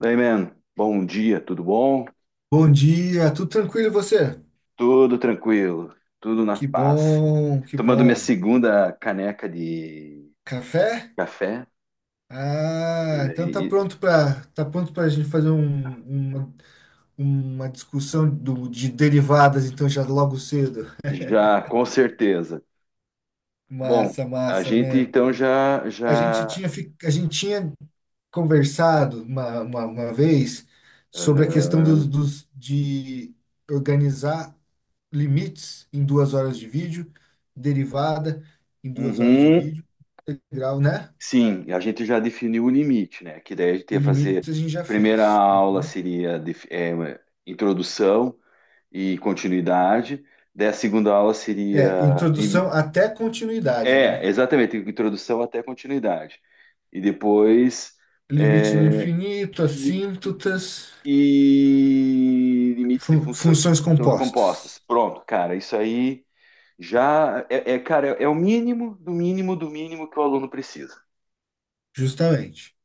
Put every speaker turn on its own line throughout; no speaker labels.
Daí, man, bom dia, tudo bom?
Bom dia, tudo tranquilo e você?
Tudo tranquilo, tudo na
Que
paz.
bom, que
Tomando minha
bom.
segunda caneca de
Café?
café, e
Ah, então tá
daí
pronto para tá pronto para a gente fazer uma, uma discussão de derivadas, então já logo cedo.
já com certeza. Bom,
Massa,
a
massa,
gente
man.
então já,
A gente
já,
tinha, fi- a gente tinha conversado uma vez sobre a questão dos,
aham,
dos- de organizar limites em 2 horas de vídeo, derivada em 2 horas de
uhum,
vídeo, integral, né?
sim, a gente já definiu o limite, né? Que daí a gente
O
ia fazer,
limite a gente já
primeira
fez.
aula
Uhum.
seria, introdução e continuidade, daí a segunda aula
É,
seria
introdução até continuidade,
é,
né?
exatamente, introdução até continuidade. E depois
Limites no
é,
infinito, assíntotas,
e limites de
fun-
funções
funções
compostas.
compostas.
Pronto, cara, isso aí já é, cara, é o mínimo do mínimo do mínimo que o aluno precisa.
Justamente.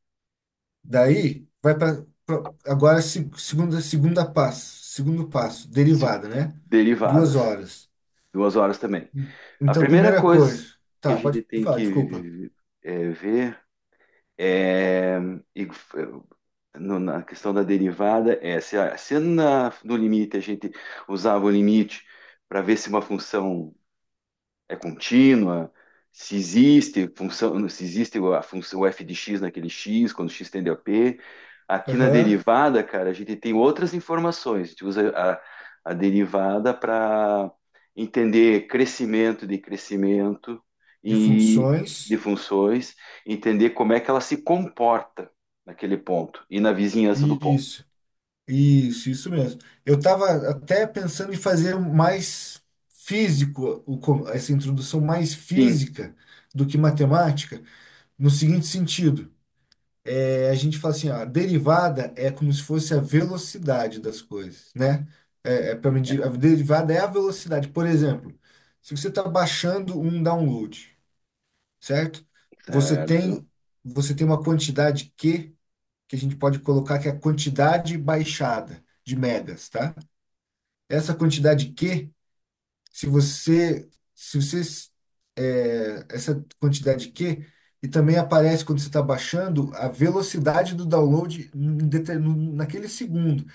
Daí, vai para agora segundo passo,
Se-
derivada, né? Duas
Derivadas,
horas.
duas horas também. A
Então,
primeira
primeira
coisa
coisa,
que a
tá, pode
gente tem
falar, desculpa.
que ver é, e é, na questão da derivada, é se, se na, no limite a gente usava o limite para ver se uma função é contínua, se existe função, se existe a função f de x naquele x, quando x tende a p. Aqui na
Aham,
derivada, cara, a gente tem outras informações. A gente usa a derivada para entender crescimento de crescimento
de
e de
funções.
funções, entender como é que ela se comporta naquele ponto e na vizinhança do
E
ponto.
isso. Isso mesmo. Eu estava até pensando em fazer um mais físico, essa introdução mais
Sim,
física do que matemática, no seguinte sentido. É, a gente fala assim, ó, a derivada é como se fosse a velocidade das coisas, né? É, para
é,
medir, a derivada é a velocidade. Por exemplo, se você está baixando um download, certo? Você
certo.
tem, você tem uma quantidade Q, que a gente pode colocar que é a quantidade baixada de megas, tá? Essa quantidade Q, se você, se você, é, essa quantidade Q, e também aparece quando você está baixando a velocidade do download naquele segundo.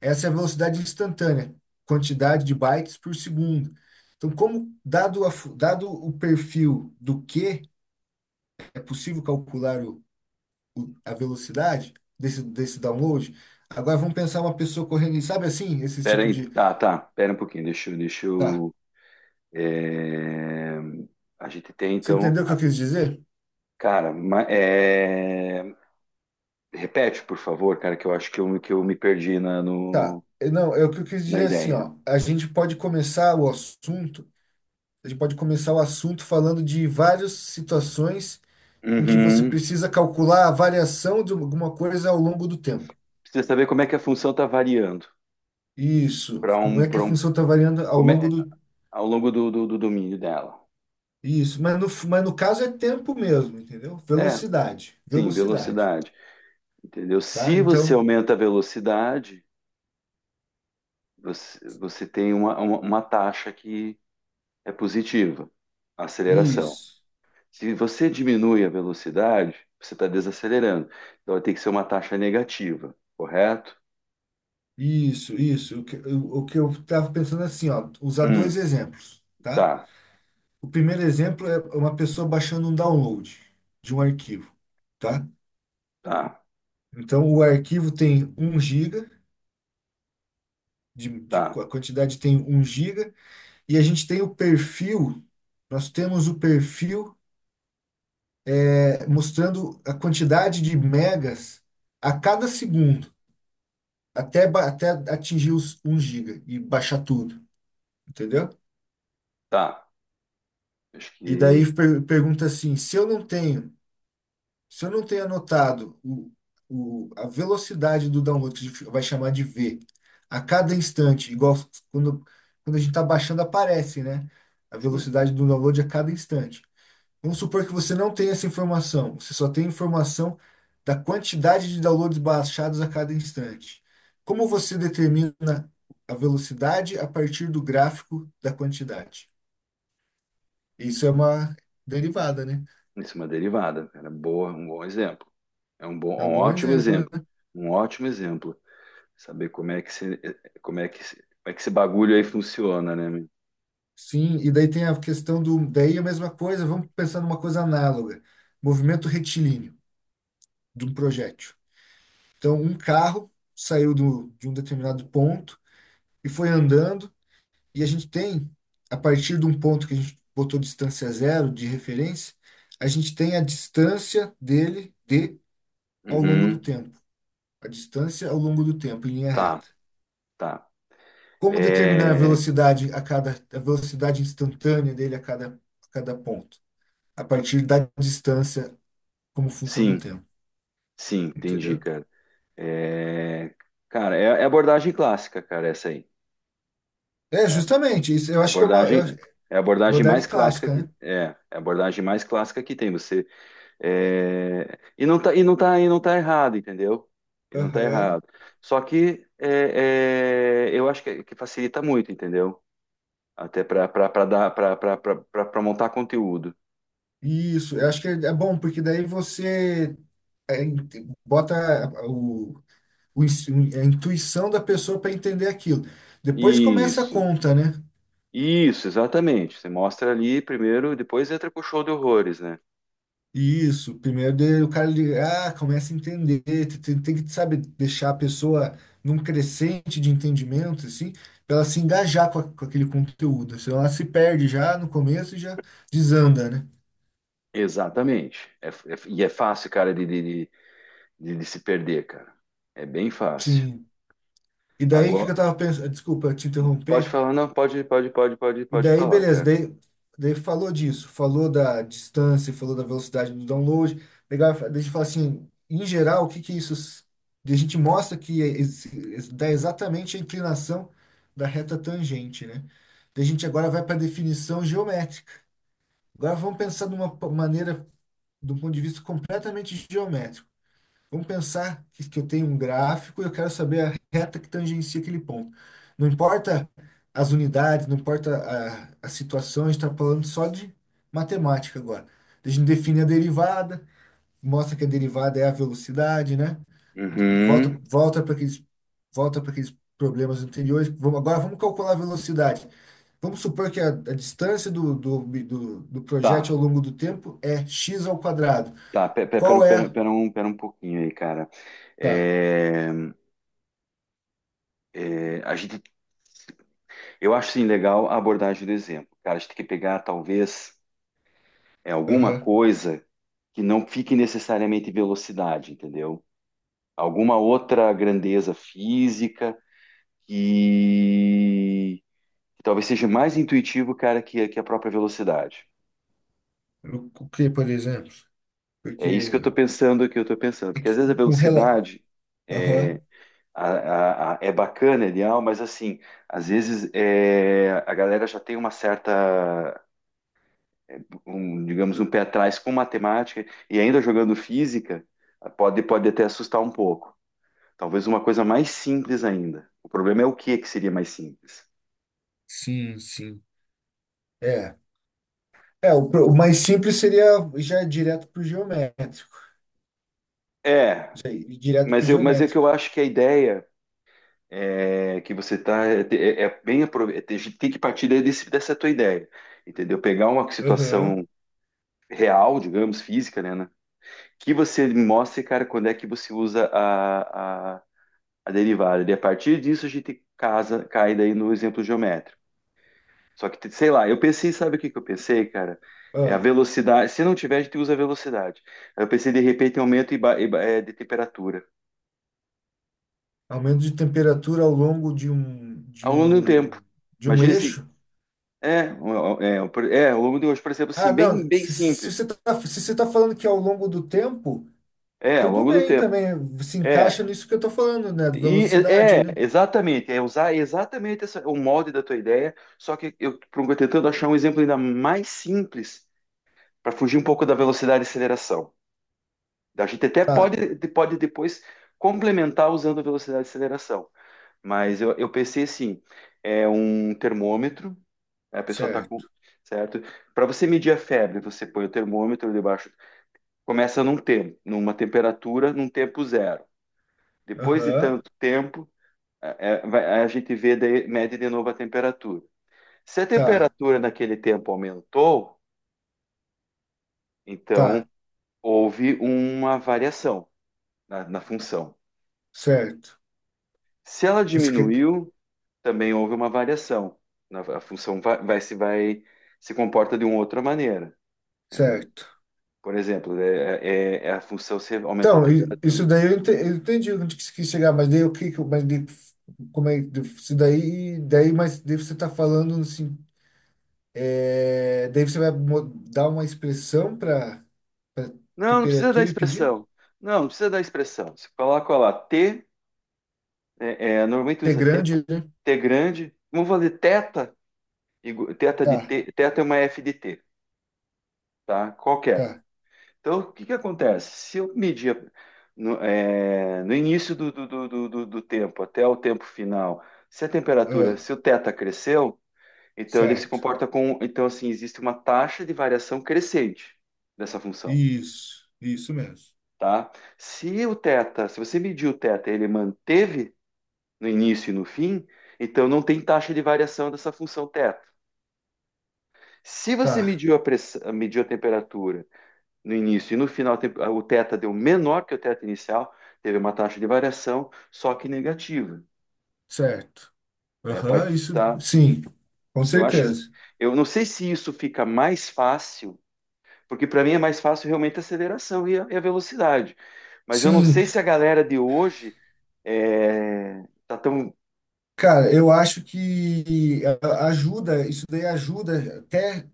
Essa é a velocidade instantânea, quantidade de bytes por segundo. Então, como dado, dado o perfil do Q, é possível calcular a velocidade desse download? Agora vamos pensar uma pessoa correndo, e sabe assim, esse
Pera
tipo
aí,
de.
tá, pera um pouquinho, deixa eu, deixa
Tá.
eu, é, a gente tem
Você
então,
entendeu o que eu
a-
quis dizer?
cara, ma- é, repete, por favor, cara, que eu acho que eu me perdi na,
Tá.
no,
Não, é o que eu quis
na
dizer assim,
ideia.
ó. A gente pode começar o assunto, a gente pode começar o assunto falando de várias situações em que você
Uhum.
precisa calcular a variação de alguma coisa ao longo do tempo.
Precisa saber como é que a função está variando
Isso.
para
Como
um,
é que a
para um,
função está variando ao
como
longo
é,
do.
ao longo do, do domínio dela.
Isso. Mas no caso é tempo mesmo, entendeu?
É,
Velocidade.
sim,
Velocidade.
velocidade. Entendeu?
Tá?
Se você
Então,
aumenta a velocidade, você tem uma taxa que é positiva, a aceleração.
isso.
Se você diminui a velocidade, você está desacelerando. Então vai ter que ser uma taxa negativa, correto?
Isso, isso. O que eu estava pensando assim, ó. Usar
Hum,
dois exemplos, tá?
tá,
O primeiro exemplo é uma pessoa baixando um download de um arquivo, tá?
tá,
Então, o arquivo tem um giga,
tá,
a quantidade tem um giga, e a gente tem o perfil, nós temos o perfil mostrando a quantidade de megas a cada segundo, até atingir os um giga e baixar tudo, entendeu?
tá. Acho
E
que,
daí pergunta assim, se eu não tenho anotado a velocidade do download, que a gente vai chamar de V, a cada instante, igual quando, quando a gente está baixando, aparece, né? A
sim,
velocidade do download a cada instante. Vamos supor que você não tem essa informação, você só tem informação da quantidade de downloads baixados a cada instante. Como você determina a velocidade a partir do gráfico da quantidade? Isso é uma derivada, né?
isso é uma derivada, cara. Boa, um bom exemplo. É um bom,
É um
um
bom
ótimo
exemplo, né?
exemplo. Um ótimo exemplo. Saber como é que se, como é que esse bagulho aí funciona, né, meu?
Sim, e daí tem a questão do. Daí a mesma coisa, vamos pensar numa coisa análoga: movimento retilíneo de um projétil. Então, um carro saiu de um determinado ponto e foi andando, e a gente tem, a partir de um ponto que a gente botou distância zero de referência, a gente tem a distância dele de ao longo do
Uhum,
tempo. A distância ao longo do tempo, em linha reta.
tá, tá.
Como determinar
É,
a velocidade instantânea dele a cada ponto? A partir da distância como função do
sim,
tempo,
sim, entendi,
entendeu?
cara. É, cara, é abordagem clássica, cara, essa aí,
É,
né?
justamente, isso eu
É
acho que é uma eu,
abordagem, é a abordagem mais
modalidade
clássica
clássica, né?
é a abordagem mais clássica que tem. Você é, e não tá errado, entendeu? E não tá
Aham.
errado. Só que eu acho que facilita muito, entendeu? Até para dar para montar conteúdo.
Isso, eu acho que é bom, porque daí você é, in- bota o, o, ins- a intuição da pessoa para entender aquilo. Depois começa a
Isso,
conta, né?
isso, exatamente. Você mostra ali primeiro, depois entra com o show de horrores, né?
Isso, primeiro o cara ele, começa a entender, tem, que, sabe, deixar a pessoa num crescente de entendimento, assim, para ela se engajar com aquele conteúdo. Senão ela se perde já no começo e já desanda, né?
Exatamente. É fácil, cara, de se perder, cara. É bem fácil.
Sim. E daí o que
Agora,
que eu tava pensando? Desculpa te
pode
interromper.
falar, não,
E
pode
daí,
falar,
beleza,
cara.
daí falou disso, falou da distância, falou da velocidade do download. Legal, daí a gente fala assim, em geral, o que que isso. Daí a gente mostra que dá exatamente a inclinação da reta tangente, né? Daí a gente agora vai para a definição geométrica. Agora vamos pensar de uma maneira, de um ponto de vista completamente geométrico. Vamos pensar que eu tenho um gráfico e eu quero saber a reta que tangencia aquele ponto. Não importa as unidades, não importa a situação, a gente está falando só de matemática agora. A gente define a derivada, mostra que a derivada é a velocidade, né? Do- do- volta
Uhum.
volta para aqueles, volta para aqueles problemas anteriores. Agora vamos calcular a velocidade. Vamos supor que a distância do
Tá,
projétil ao longo do tempo é x ao quadrado.
Pera,
Qual
pera,
é?
pera um pouquinho aí, cara.
Tá.
É, a gente, eu acho, sim, legal a abordagem do exemplo. Cara, a gente tem que pegar, talvez, é, alguma coisa que não fique necessariamente em velocidade, entendeu? Alguma outra grandeza física, que, que talvez seja mais intuitivo, cara, que a própria velocidade.
O que, por exemplo?
É
Porque
isso que eu estou pensando,
é
porque às
que
vezes
com,
a
com rela.
velocidade
Aham,
é, a- é bacana, é ideal, mas assim, às vezes é, a galera já tem uma certa, é, um, digamos, um pé atrás com matemática e ainda jogando física, pode até assustar um pouco. Talvez uma coisa mais simples ainda. O problema é o que que seria mais simples.
sim, sim. É. É, o mais simples seria já direto para o geométrico.
É,
Isso aí, ir direto para o
mas é que eu
geométrico.
acho que a ideia é, que você tá é, é bem tem que partir desse, dessa tua ideia, entendeu? Pegar uma
Aham.
situação real, digamos, física, né? Que você mostre, cara, quando é que você usa a derivada. E a partir disso a gente casa, cai daí no exemplo geométrico. Só que, sei lá, eu pensei, sabe o que que eu pensei, cara? É a
Ah,
velocidade. Se não tiver, a gente usa a velocidade. Eu pensei, de repente, em aumento de temperatura
aumento de temperatura ao longo de um, de
ao longo do tempo.
um, de um
Imagina se
eixo.
é, ao longo de hoje, por exemplo,
Ah,
assim,
não.
bem
Se, se se você
simples.
está se você tá falando que ao longo do tempo,
É, ao
tudo
longo do
bem
tempo.
também. Se
É,
encaixa nisso que eu estou falando, né? Velocidade,
é,
né?
exatamente, é usar exatamente o molde da tua ideia, só que eu tô tentando achar um exemplo ainda mais simples para fugir um pouco da velocidade e aceleração. A gente até
Tá,
pode, pode depois complementar usando a velocidade e aceleração, mas eu pensei assim, é um termômetro, né, a pessoa está com,
certo.
certo? Para você medir a febre, você põe o termômetro debaixo, começa num tempo, numa temperatura, num tempo zero. Depois de
Aham,
tanto tempo, a gente vê, mede de novo a temperatura. Se a
tá,
temperatura naquele tempo aumentou, então
tá,
houve uma variação na função.
certo.
Se ela
Você quer.
diminuiu, também houve uma variação. A função vai, vai se comporta de uma outra maneira.
Certo.
Por exemplo, é a função, se aumentou a
Então, isso
temperatura.
daí eu entendi onde que você quis chegar, mas daí o que que eu- mas daí, isso mas daí você está falando assim, daí você vai dar uma expressão para
Não, não precisa da
temperatura e pedir?
expressão. Não, não precisa da expressão. Você coloca lá T. É, é, normalmente
T
usa T,
grande, né?
T grande. Vamos fazer teta, teta
Tá,
de T, teta é uma F de T, tá? Qualquer.
tá.
Então, o que que acontece? Se eu medir no, é, no início do tempo até o tempo final, se a temperatura,
Ah,
se o teta cresceu, então ele se
certo.
comporta com, então assim, existe uma taxa de variação crescente dessa função,
Isso mesmo.
tá? Se o teta, se você mediu o teta, e ele manteve no início e no fim, então não tem taxa de variação dessa função teta. Se você
Tá,
mediu a pressão, mediu a temperatura no início e no final, o teta deu menor que o teta inicial, teve uma taxa de variação, só que negativa.
certo.
Né? A
Aham,
partir
isso,
da,
sim, com
eu acho,
certeza.
eu não sei se isso fica mais fácil, porque para mim é mais fácil realmente a aceleração e a velocidade. Mas eu não
Sim,
sei se a galera de hoje é, tá tão,
cara, eu acho que ajuda, isso daí ajuda até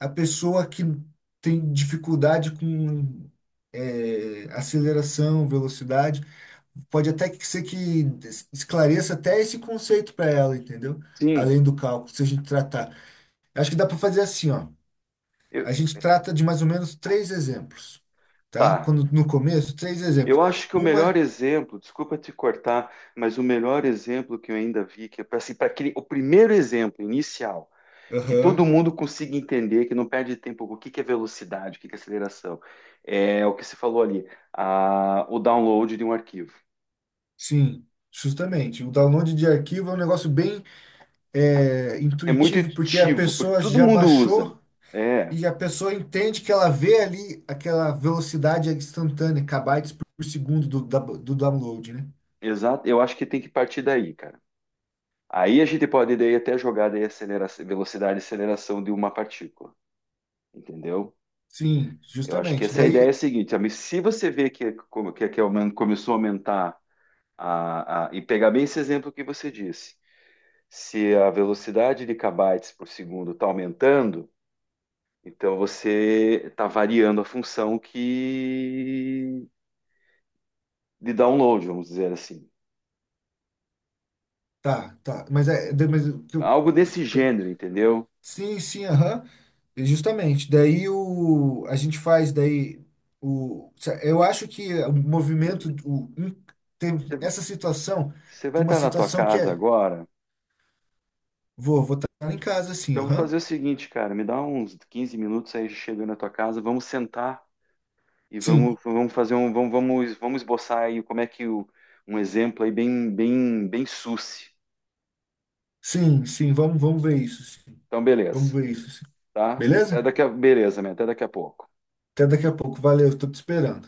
a pessoa que tem dificuldade com aceleração, velocidade. Pode até que ser que esclareça até esse conceito para ela, entendeu?
sim,
Além do cálculo, se a gente tratar. Acho que dá para fazer assim, ó.
eu-
A gente trata de mais ou menos três exemplos, tá?
tá.
Quando no começo, três exemplos.
Eu acho que o melhor
Uma,
exemplo, desculpa te cortar, mas o melhor exemplo que eu ainda vi, que é para assim, pra o primeiro exemplo inicial, que todo
aham,
mundo consiga entender, que não perde tempo, o que que é velocidade, o que que é aceleração, é o que se falou ali, o download de um arquivo.
sim, justamente. O download de arquivo é um negócio bem
É muito
intuitivo, porque a
intuitivo, porque
pessoa
todo
já
mundo usa.
baixou
É,
e a pessoa entende que ela vê ali aquela velocidade instantânea, kbytes por segundo do download, né?
exato. Eu acho que tem que partir daí, cara. Aí a gente pode daí até jogar daí aceleração, velocidade e aceleração de uma partícula, entendeu?
Sim,
Eu acho que
justamente.
essa é a ideia
Daí,
seguinte, amigo, se você vê que, que começou a aumentar e pegar bem esse exemplo que você disse, se a velocidade de kbytes por segundo está aumentando, então você está variando a função que de download, vamos dizer assim,
tá, tá. Mas é. Mas, o que eu-
algo desse
te-
gênero, entendeu?
sim, sim, aham. Justamente. Daí a gente faz daí o. Eu acho que o movimento. Tem
Você
essa situação.
você vai
Tem uma
estar na tua
situação que
casa
é.
agora,
Vou estar em casa, assim,
então eu vou
aham.
fazer o seguinte, cara, me dá uns 15 minutos aí, chego na tua casa, vamos sentar. E
Sim.
vamos, vamos fazer um, vamos, vamos, vamos esboçar aí como é que o, um exemplo aí bem suce.
Sim, sim, vamos ver isso, sim.
Então,
Vamos
beleza,
ver isso, sim.
tá? Até
Beleza?
daqui a, beleza, man, até daqui a pouco.
Até daqui a pouco. Valeu, estou te esperando.